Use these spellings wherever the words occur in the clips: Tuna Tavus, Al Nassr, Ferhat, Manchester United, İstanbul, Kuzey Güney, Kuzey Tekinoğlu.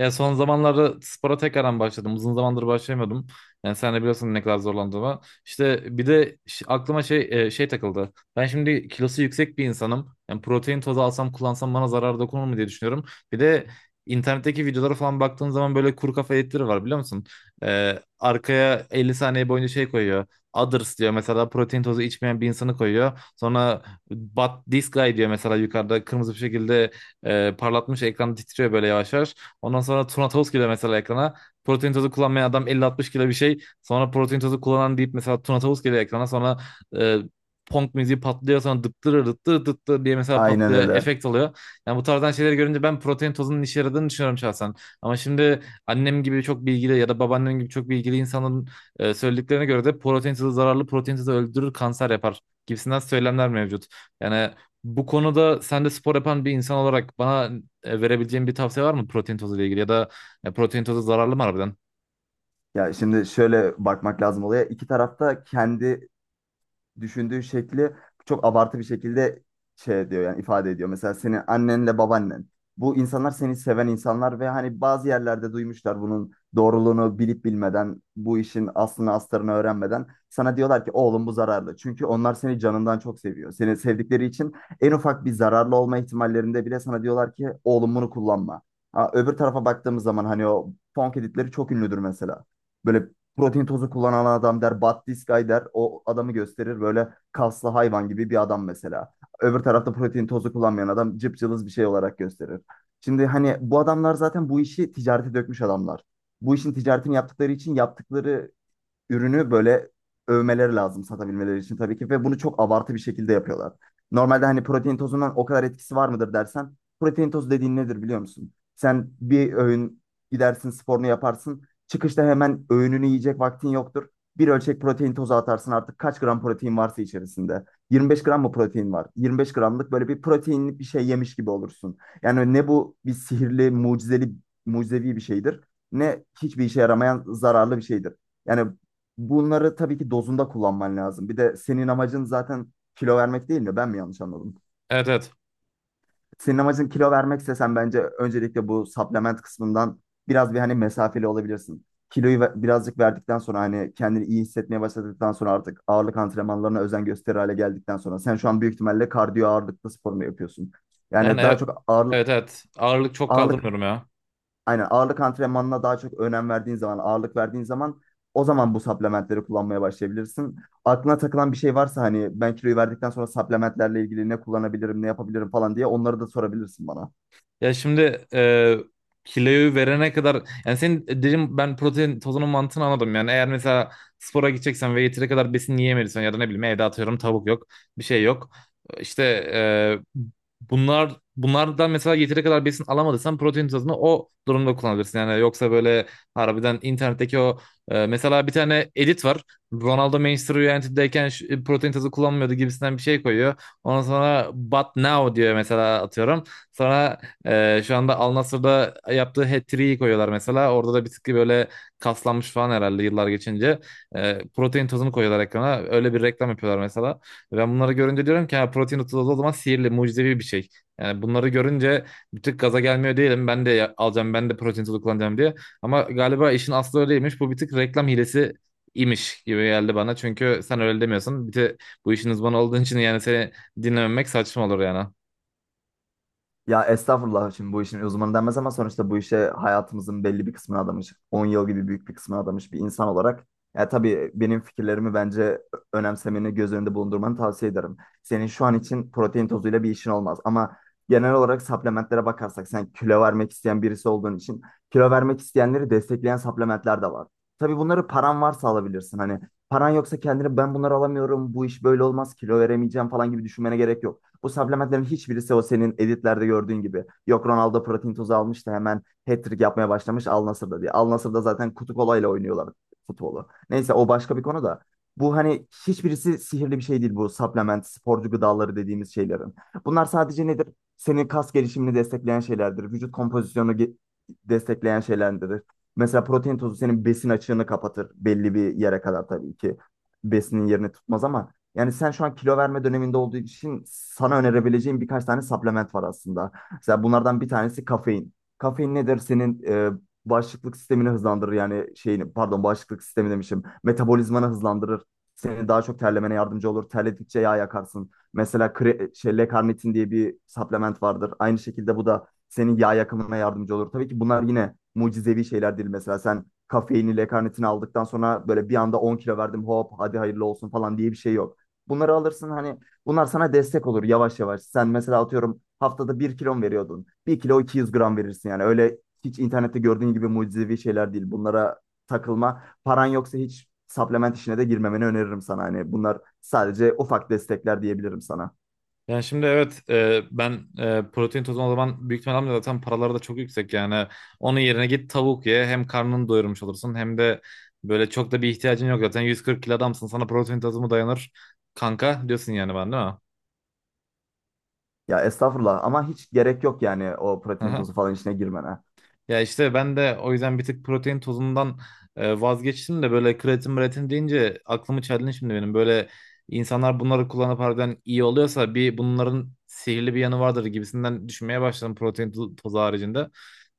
Ya son zamanlarda spora tekrardan başladım. Uzun zamandır başlayamıyordum. Yani sen de biliyorsun ne kadar zorlandığımı. İşte bir de aklıma şey takıldı. Ben şimdi kilosu yüksek bir insanım. Yani protein tozu alsam kullansam bana zarar dokunur mu diye düşünüyorum. Bir de internetteki videolara falan baktığın zaman böyle kuru kafa editleri var biliyor musun? Arkaya 50 saniye boyunca şey koyuyor. Others diyor mesela protein tozu içmeyen bir insanı koyuyor. Sonra but this guy diyor mesela yukarıda kırmızı bir şekilde parlatmış ekran titriyor böyle yavaş yavaş. Ondan sonra Tuna Toz geliyor mesela ekrana. Protein tozu kullanmayan adam 50-60 kilo bir şey. Sonra protein tozu kullanan deyip mesela Tuna Tavus geliyor ekrana. Sonra e, punk müziği patlıyor. Sonra dıttırır dıttır dıttır diye mesela Aynen patlıyor. öyle. Efekt alıyor. Yani bu tarzdan şeyleri görünce ben protein tozunun işe yaradığını düşünüyorum şahsen. Ama şimdi annem gibi çok bilgili ya da babaannem gibi çok bilgili insanların söylediklerine göre de protein tozu zararlı, protein tozu öldürür, kanser yapar gibisinden söylemler mevcut. Yani bu konuda sen de spor yapan bir insan olarak bana verebileceğin bir tavsiye var mı protein tozu ile ilgili ya da protein tozu zararlı mı harbiden? Ya şimdi şöyle bakmak lazım olaya. İki tarafta kendi düşündüğü şekli çok abartı bir şekilde şey diyor yani ifade ediyor. Mesela senin annenle babaannen. Bu insanlar seni seven insanlar ve hani bazı yerlerde duymuşlar bunun doğruluğunu bilip bilmeden, bu işin aslını astarını öğrenmeden sana diyorlar ki oğlum bu zararlı. Çünkü onlar seni canından çok seviyor. Seni sevdikleri için en ufak bir zararlı olma ihtimallerinde bile sana diyorlar ki oğlum bunu kullanma. Ha, öbür tarafa baktığımız zaman hani o funk editleri çok ünlüdür mesela. Böyle protein tozu kullanan adam der, Battiskay der. O adamı gösterir böyle kaslı hayvan gibi bir adam mesela. Öbür tarafta protein tozu kullanmayan adam cıpcılız bir şey olarak gösterir. Şimdi hani bu adamlar zaten bu işi ticarete dökmüş adamlar. Bu işin ticaretini yaptıkları için yaptıkları ürünü böyle övmeleri lazım satabilmeleri için tabii ki, ve bunu çok abartı bir şekilde yapıyorlar. Normalde hani protein tozundan o kadar etkisi var mıdır dersen, protein tozu dediğin nedir biliyor musun? Sen bir öğün gidersin, sporunu yaparsın, çıkışta hemen öğününü yiyecek vaktin yoktur. Bir ölçek protein tozu atarsın artık, kaç gram protein varsa içerisinde. 25 gram mı protein var? 25 gramlık böyle bir proteinli bir şey yemiş gibi olursun. Yani ne bu bir sihirli, mucizeli, mucizevi bir şeydir, ne hiçbir işe yaramayan zararlı bir şeydir. Yani bunları tabii ki dozunda kullanman lazım. Bir de senin amacın zaten kilo vermek değil mi? Ben mi yanlış anladım? Evet, evet. Senin amacın kilo vermekse, sen bence öncelikle bu supplement kısmından biraz bir hani mesafeli olabilirsin. Kiloyu birazcık verdikten sonra, hani kendini iyi hissetmeye başladıktan sonra, artık ağırlık antrenmanlarına özen gösterir hale geldikten sonra, sen şu an büyük ihtimalle kardiyo ağırlıklı spor mu yapıyorsun? Yani Yani daha çok evet, evet. Ağırlık çok ağırlık. kaldırmıyorum ya. Aynen, ağırlık antrenmanına daha çok önem verdiğin zaman, ağırlık verdiğin zaman, o zaman bu supplementleri kullanmaya başlayabilirsin. Aklına takılan bir şey varsa, hani ben kiloyu verdikten sonra supplementlerle ilgili ne kullanabilirim, ne yapabilirim falan diye, onları da sorabilirsin bana. Ya şimdi kiloyu verene kadar, yani senin dedim, ben protein tozunun mantığını anladım. Yani eğer mesela spora gideceksen ve yeteri kadar besin yiyemediysen ya da ne bileyim, evde atıyorum tavuk yok, bir şey yok. İşte e, bunlardan mesela yeteri kadar besin alamadıysan protein tozunu o durumda kullanabilirsin. Yani yoksa böyle harbiden internetteki o mesela bir tane edit var. Ronaldo Manchester United'deyken protein tozu kullanmıyordu gibisinden bir şey koyuyor. Ondan sonra but now diyor mesela, atıyorum. Sonra şu anda Al Nassr'da yaptığı hat-trick'i koyuyorlar mesela. Orada da bir tık böyle kaslanmış falan herhalde yıllar geçince. Protein tozunu koyuyorlar ekrana. Öyle bir reklam yapıyorlar mesela. Ben bunları görünce diyorum ki ha, protein tozu o zaman sihirli, mucizevi bir şey. Yani bunları görünce bir tık gaza gelmiyor değilim. Ben de alacağım, ben de protein tozu kullanacağım diye. Ama galiba işin aslı öyleymiş. Bu bir tık reklam hilesi imiş gibi geldi bana. Çünkü sen öyle demiyorsun. Bir de bu işin uzmanı olduğun için yani seni dinlememek saçma olur yani. Ya estağfurullah, şimdi bu işin uzmanı denmez ama sonuçta bu işe hayatımızın belli bir kısmını adamış, 10 yıl gibi büyük bir kısmını adamış bir insan olarak, ya tabii benim fikirlerimi bence önemsemeni, göz önünde bulundurmanı tavsiye ederim. Senin şu an için protein tozuyla bir işin olmaz ama genel olarak supplementlere bakarsak, sen kilo vermek isteyen birisi olduğun için kilo vermek isteyenleri destekleyen supplementler de var. Tabii bunları paran varsa alabilirsin. Hani paran yoksa kendini, ben bunları alamıyorum, bu iş böyle olmaz, kilo veremeyeceğim falan gibi düşünmene gerek yok. Bu supplementlerin hiçbirisi o senin editlerde gördüğün gibi. Yok Ronaldo protein tozu almış da hemen hat-trick yapmaya başlamış Al Nassr'da diye. Al Nassr'da zaten kutu kolayla oynuyorlar futbolu. Neyse, o başka bir konu da. Bu hani hiçbirisi sihirli bir şey değil, bu supplement, sporcu gıdaları dediğimiz şeylerin. Bunlar sadece nedir? Senin kas gelişimini destekleyen şeylerdir. Vücut kompozisyonu destekleyen şeylerdir. Mesela protein tozu senin besin açığını kapatır belli bir yere kadar, tabii ki. Besinin yerini tutmaz ama yani sen şu an kilo verme döneminde olduğu için sana önerebileceğim birkaç tane supplement var aslında. Mesela bunlardan bir tanesi kafein. Kafein nedir? Senin bağışıklık sistemini hızlandırır. Yani şeyini, pardon, bağışıklık sistemi demişim. Metabolizmanı hızlandırır. Seni daha çok terlemene yardımcı olur. Terledikçe yağ yakarsın. Mesela L-karnitin diye bir supplement vardır. Aynı şekilde bu da senin yağ yakımına yardımcı olur. Tabii ki bunlar yine mucizevi şeyler değil. Mesela sen kafeini, L-karnitini aldıktan sonra böyle bir anda 10 kilo verdim, hop hadi hayırlı olsun falan diye bir şey yok. Bunları alırsın, hani bunlar sana destek olur yavaş yavaş. Sen mesela atıyorum haftada bir kilon veriyordun, 1 kilo 200 gram verirsin yani. Öyle hiç internette gördüğün gibi mucizevi şeyler değil. Bunlara takılma. Paran yoksa hiç supplement işine de girmemeni öneririm sana. Hani bunlar sadece ufak destekler diyebilirim sana. Yani şimdi evet, ben protein tozu o zaman büyük ihtimalle almıyorum. Zaten paraları da çok yüksek yani. Onun yerine git tavuk ye, hem karnını doyurmuş olursun, hem de böyle çok da bir ihtiyacın yok. Zaten 140 kilo adamsın, sana protein tozu mu dayanır kanka diyorsun yani, ben değil mi? Ya estağfurullah, ama hiç gerek yok yani o protein tozu falan işine girmene. Ya işte ben de o yüzden bir tık protein tozundan vazgeçtim de böyle kreatin mreatin deyince aklımı çeldin şimdi benim. Böyle insanlar bunları kullanıp harbiden iyi oluyorsa bir bunların sihirli bir yanı vardır gibisinden düşünmeye başladım protein tozu haricinde.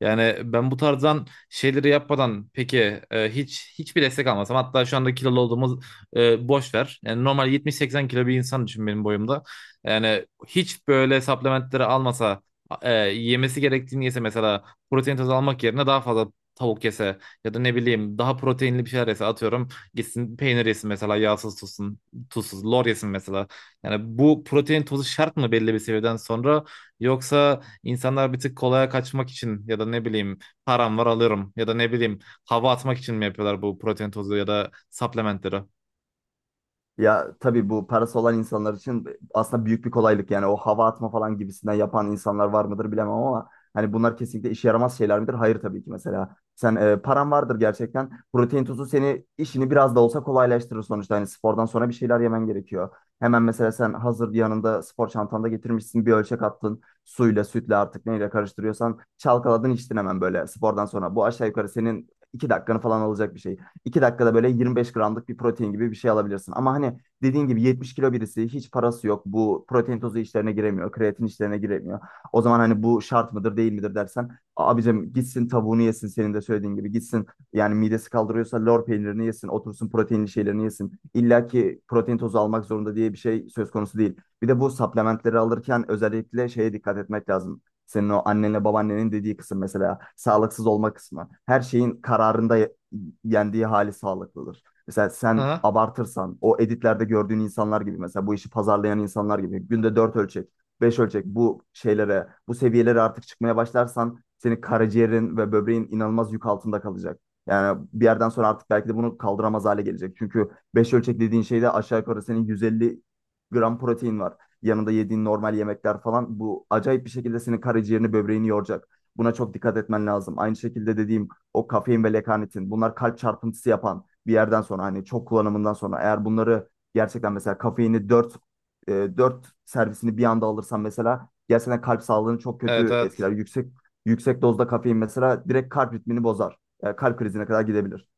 Yani ben bu tarzdan şeyleri yapmadan peki, hiç hiçbir destek almasam, hatta şu anda kilolu olduğumuz boş ver. Yani normal 70-80 kilo bir insan düşün benim boyumda. Yani hiç böyle supplementleri almasa, yemesi gerektiğini yese, mesela protein tozu almak yerine daha fazla tavuk yese, ya da ne bileyim daha proteinli bir şeyler yese, atıyorum gitsin peynir yesin mesela, yağsız tutsun, tuzsuz lor yesin mesela. Yani bu protein tozu şart mı belli bir seviyeden sonra, yoksa insanlar bir tık kolaya kaçmak için ya da ne bileyim param var alırım, ya da ne bileyim hava atmak için mi yapıyorlar bu protein tozu ya da supplementleri? Ya tabii bu parası olan insanlar için aslında büyük bir kolaylık. Yani o hava atma falan gibisinden yapan insanlar var mıdır bilemem ama hani bunlar kesinlikle işe yaramaz şeyler midir? Hayır, tabii ki. Mesela sen paran vardır gerçekten, protein tozu seni, işini biraz da olsa kolaylaştırır sonuçta. Hani spordan sonra bir şeyler yemen gerekiyor. Hemen mesela sen hazır yanında spor çantanda getirmişsin, bir ölçek attın. Suyla, sütle artık neyle karıştırıyorsan, çalkaladın içtin hemen böyle spordan sonra. Bu aşağı yukarı senin 2 dakikanı falan alacak bir şey, 2 dakikada böyle 25 gramlık bir protein gibi bir şey alabilirsin. Ama hani dediğin gibi, 70 kilo birisi, hiç parası yok, bu protein tozu işlerine giremiyor, kreatin işlerine giremiyor, o zaman hani bu şart mıdır değil midir dersen, abicim gitsin tavuğunu yesin, senin de söylediğin gibi, gitsin yani midesi kaldırıyorsa lor peynirini yesin, otursun proteinli şeylerini yesin. İlla ki protein tozu almak zorunda diye bir şey söz konusu değil. Bir de bu supplementleri alırken özellikle şeye dikkat etmek lazım. Senin o annenle babaannenin dediği kısım, mesela sağlıksız olma kısmı. Her şeyin kararında yendiği hali sağlıklıdır. Mesela sen Ha? abartırsan, o editlerde gördüğün insanlar gibi, mesela bu işi pazarlayan insanlar gibi günde 4 ölçek, 5 ölçek, bu şeylere, bu seviyelere artık çıkmaya başlarsan, senin karaciğerin ve böbreğin inanılmaz yük altında kalacak. Yani bir yerden sonra artık belki de bunu kaldıramaz hale gelecek. Çünkü 5 ölçek dediğin şeyde aşağı yukarı senin 150 gram protein var. Yanında yediğin normal yemekler falan, bu acayip bir şekilde senin karaciğerini, böbreğini yoracak. Buna çok dikkat etmen lazım. Aynı şekilde dediğim o kafein ve lekanitin, bunlar kalp çarpıntısı yapan, bir yerden sonra hani çok kullanımından sonra, eğer bunları gerçekten, mesela kafeini 4 4 servisini bir anda alırsan mesela, gerçekten kalp sağlığını çok Evet, kötü etkiler. evet. Yüksek dozda kafein mesela direkt kalp ritmini bozar. Yani kalp krizine kadar gidebilir.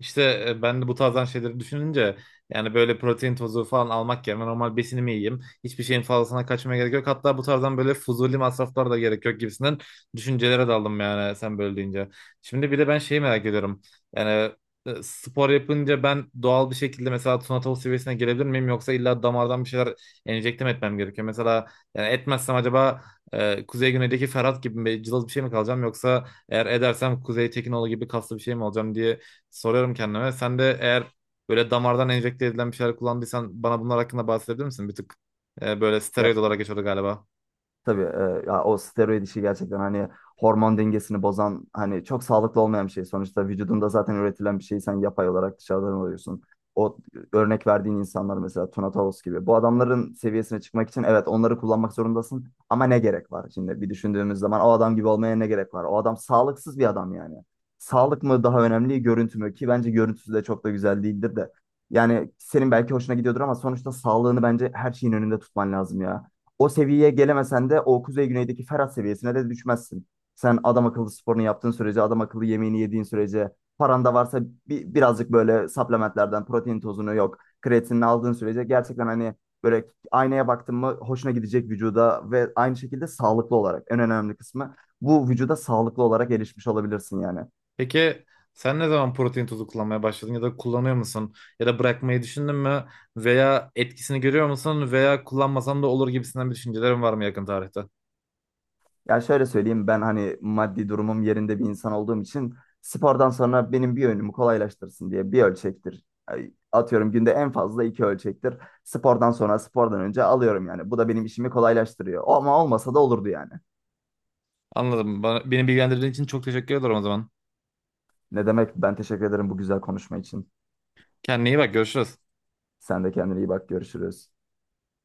İşte ben de bu tarzdan şeyleri düşününce yani böyle protein tozu falan almak yerine normal besinimi yiyeyim. Hiçbir şeyin fazlasına kaçmaya gerek yok. Hatta bu tarzdan böyle fuzuli masraflar da gerek yok gibisinden düşüncelere daldım, yani sen böyle deyince. Şimdi bir de ben şeyi merak ediyorum. Yani spor yapınca ben doğal bir şekilde mesela Tuna seviyesine gelebilir miyim? Yoksa illa damardan bir şeyler enjekte mi etmem gerekiyor? Mesela yani etmezsem acaba Kuzey Güney'deki Ferhat gibi bir cılız bir şey mi kalacağım? Yoksa eğer edersem Kuzey Tekinoğlu gibi kaslı bir şey mi olacağım diye soruyorum kendime. Sen de eğer böyle damardan enjekte edilen bir şeyler kullandıysan bana bunlar hakkında bahsedebilir misin? Bir tık böyle Ya steroid olarak şimdi, geçiyordu galiba. tabii, ya o steroid işi gerçekten hani hormon dengesini bozan, hani çok sağlıklı olmayan bir şey. Sonuçta vücudunda zaten üretilen bir şeyi sen yapay olarak dışarıdan alıyorsun. O örnek verdiğin insanlar, mesela Tuna Tavus gibi. Bu adamların seviyesine çıkmak için evet onları kullanmak zorundasın, ama ne gerek var? Şimdi bir düşündüğümüz zaman, o adam gibi olmaya ne gerek var? O adam sağlıksız bir adam yani. Sağlık mı daha önemli, görüntü mü? Ki bence görüntüsü de çok da güzel değildir de. Yani senin belki hoşuna gidiyordur ama sonuçta sağlığını bence her şeyin önünde tutman lazım ya. O seviyeye gelemesen de o Kuzey Güney'deki Ferhat seviyesine de düşmezsin. Sen adam akıllı sporunu yaptığın sürece, adam akıllı yemeğini yediğin sürece, paran da varsa birazcık böyle supplementlerden, protein tozunu, yok, kreatinini aldığın sürece, gerçekten hani böyle aynaya baktın mı hoşuna gidecek vücuda, ve aynı şekilde sağlıklı olarak, en önemli kısmı bu, vücuda sağlıklı olarak erişmiş olabilirsin yani. Peki sen ne zaman protein tozu kullanmaya başladın ya da kullanıyor musun? Ya da bırakmayı düşündün mü? Veya etkisini görüyor musun? Veya kullanmasan da olur gibisinden bir düşüncelerin var mı yakın tarihte? Ya şöyle söyleyeyim, ben hani maddi durumum yerinde bir insan olduğum için spordan sonra benim bir, önümü kolaylaştırsın diye bir ölçektir. Atıyorum günde en fazla 2 ölçektir. Spordan sonra, spordan önce alıyorum yani. Bu da benim işimi kolaylaştırıyor. Ama olmasa da olurdu yani. Anladım. Beni bilgilendirdiğin için çok teşekkür ederim o zaman. Ne demek, ben teşekkür ederim bu güzel konuşma için. Kendine iyi bak, görüşürüz. Sen de kendine iyi bak, görüşürüz.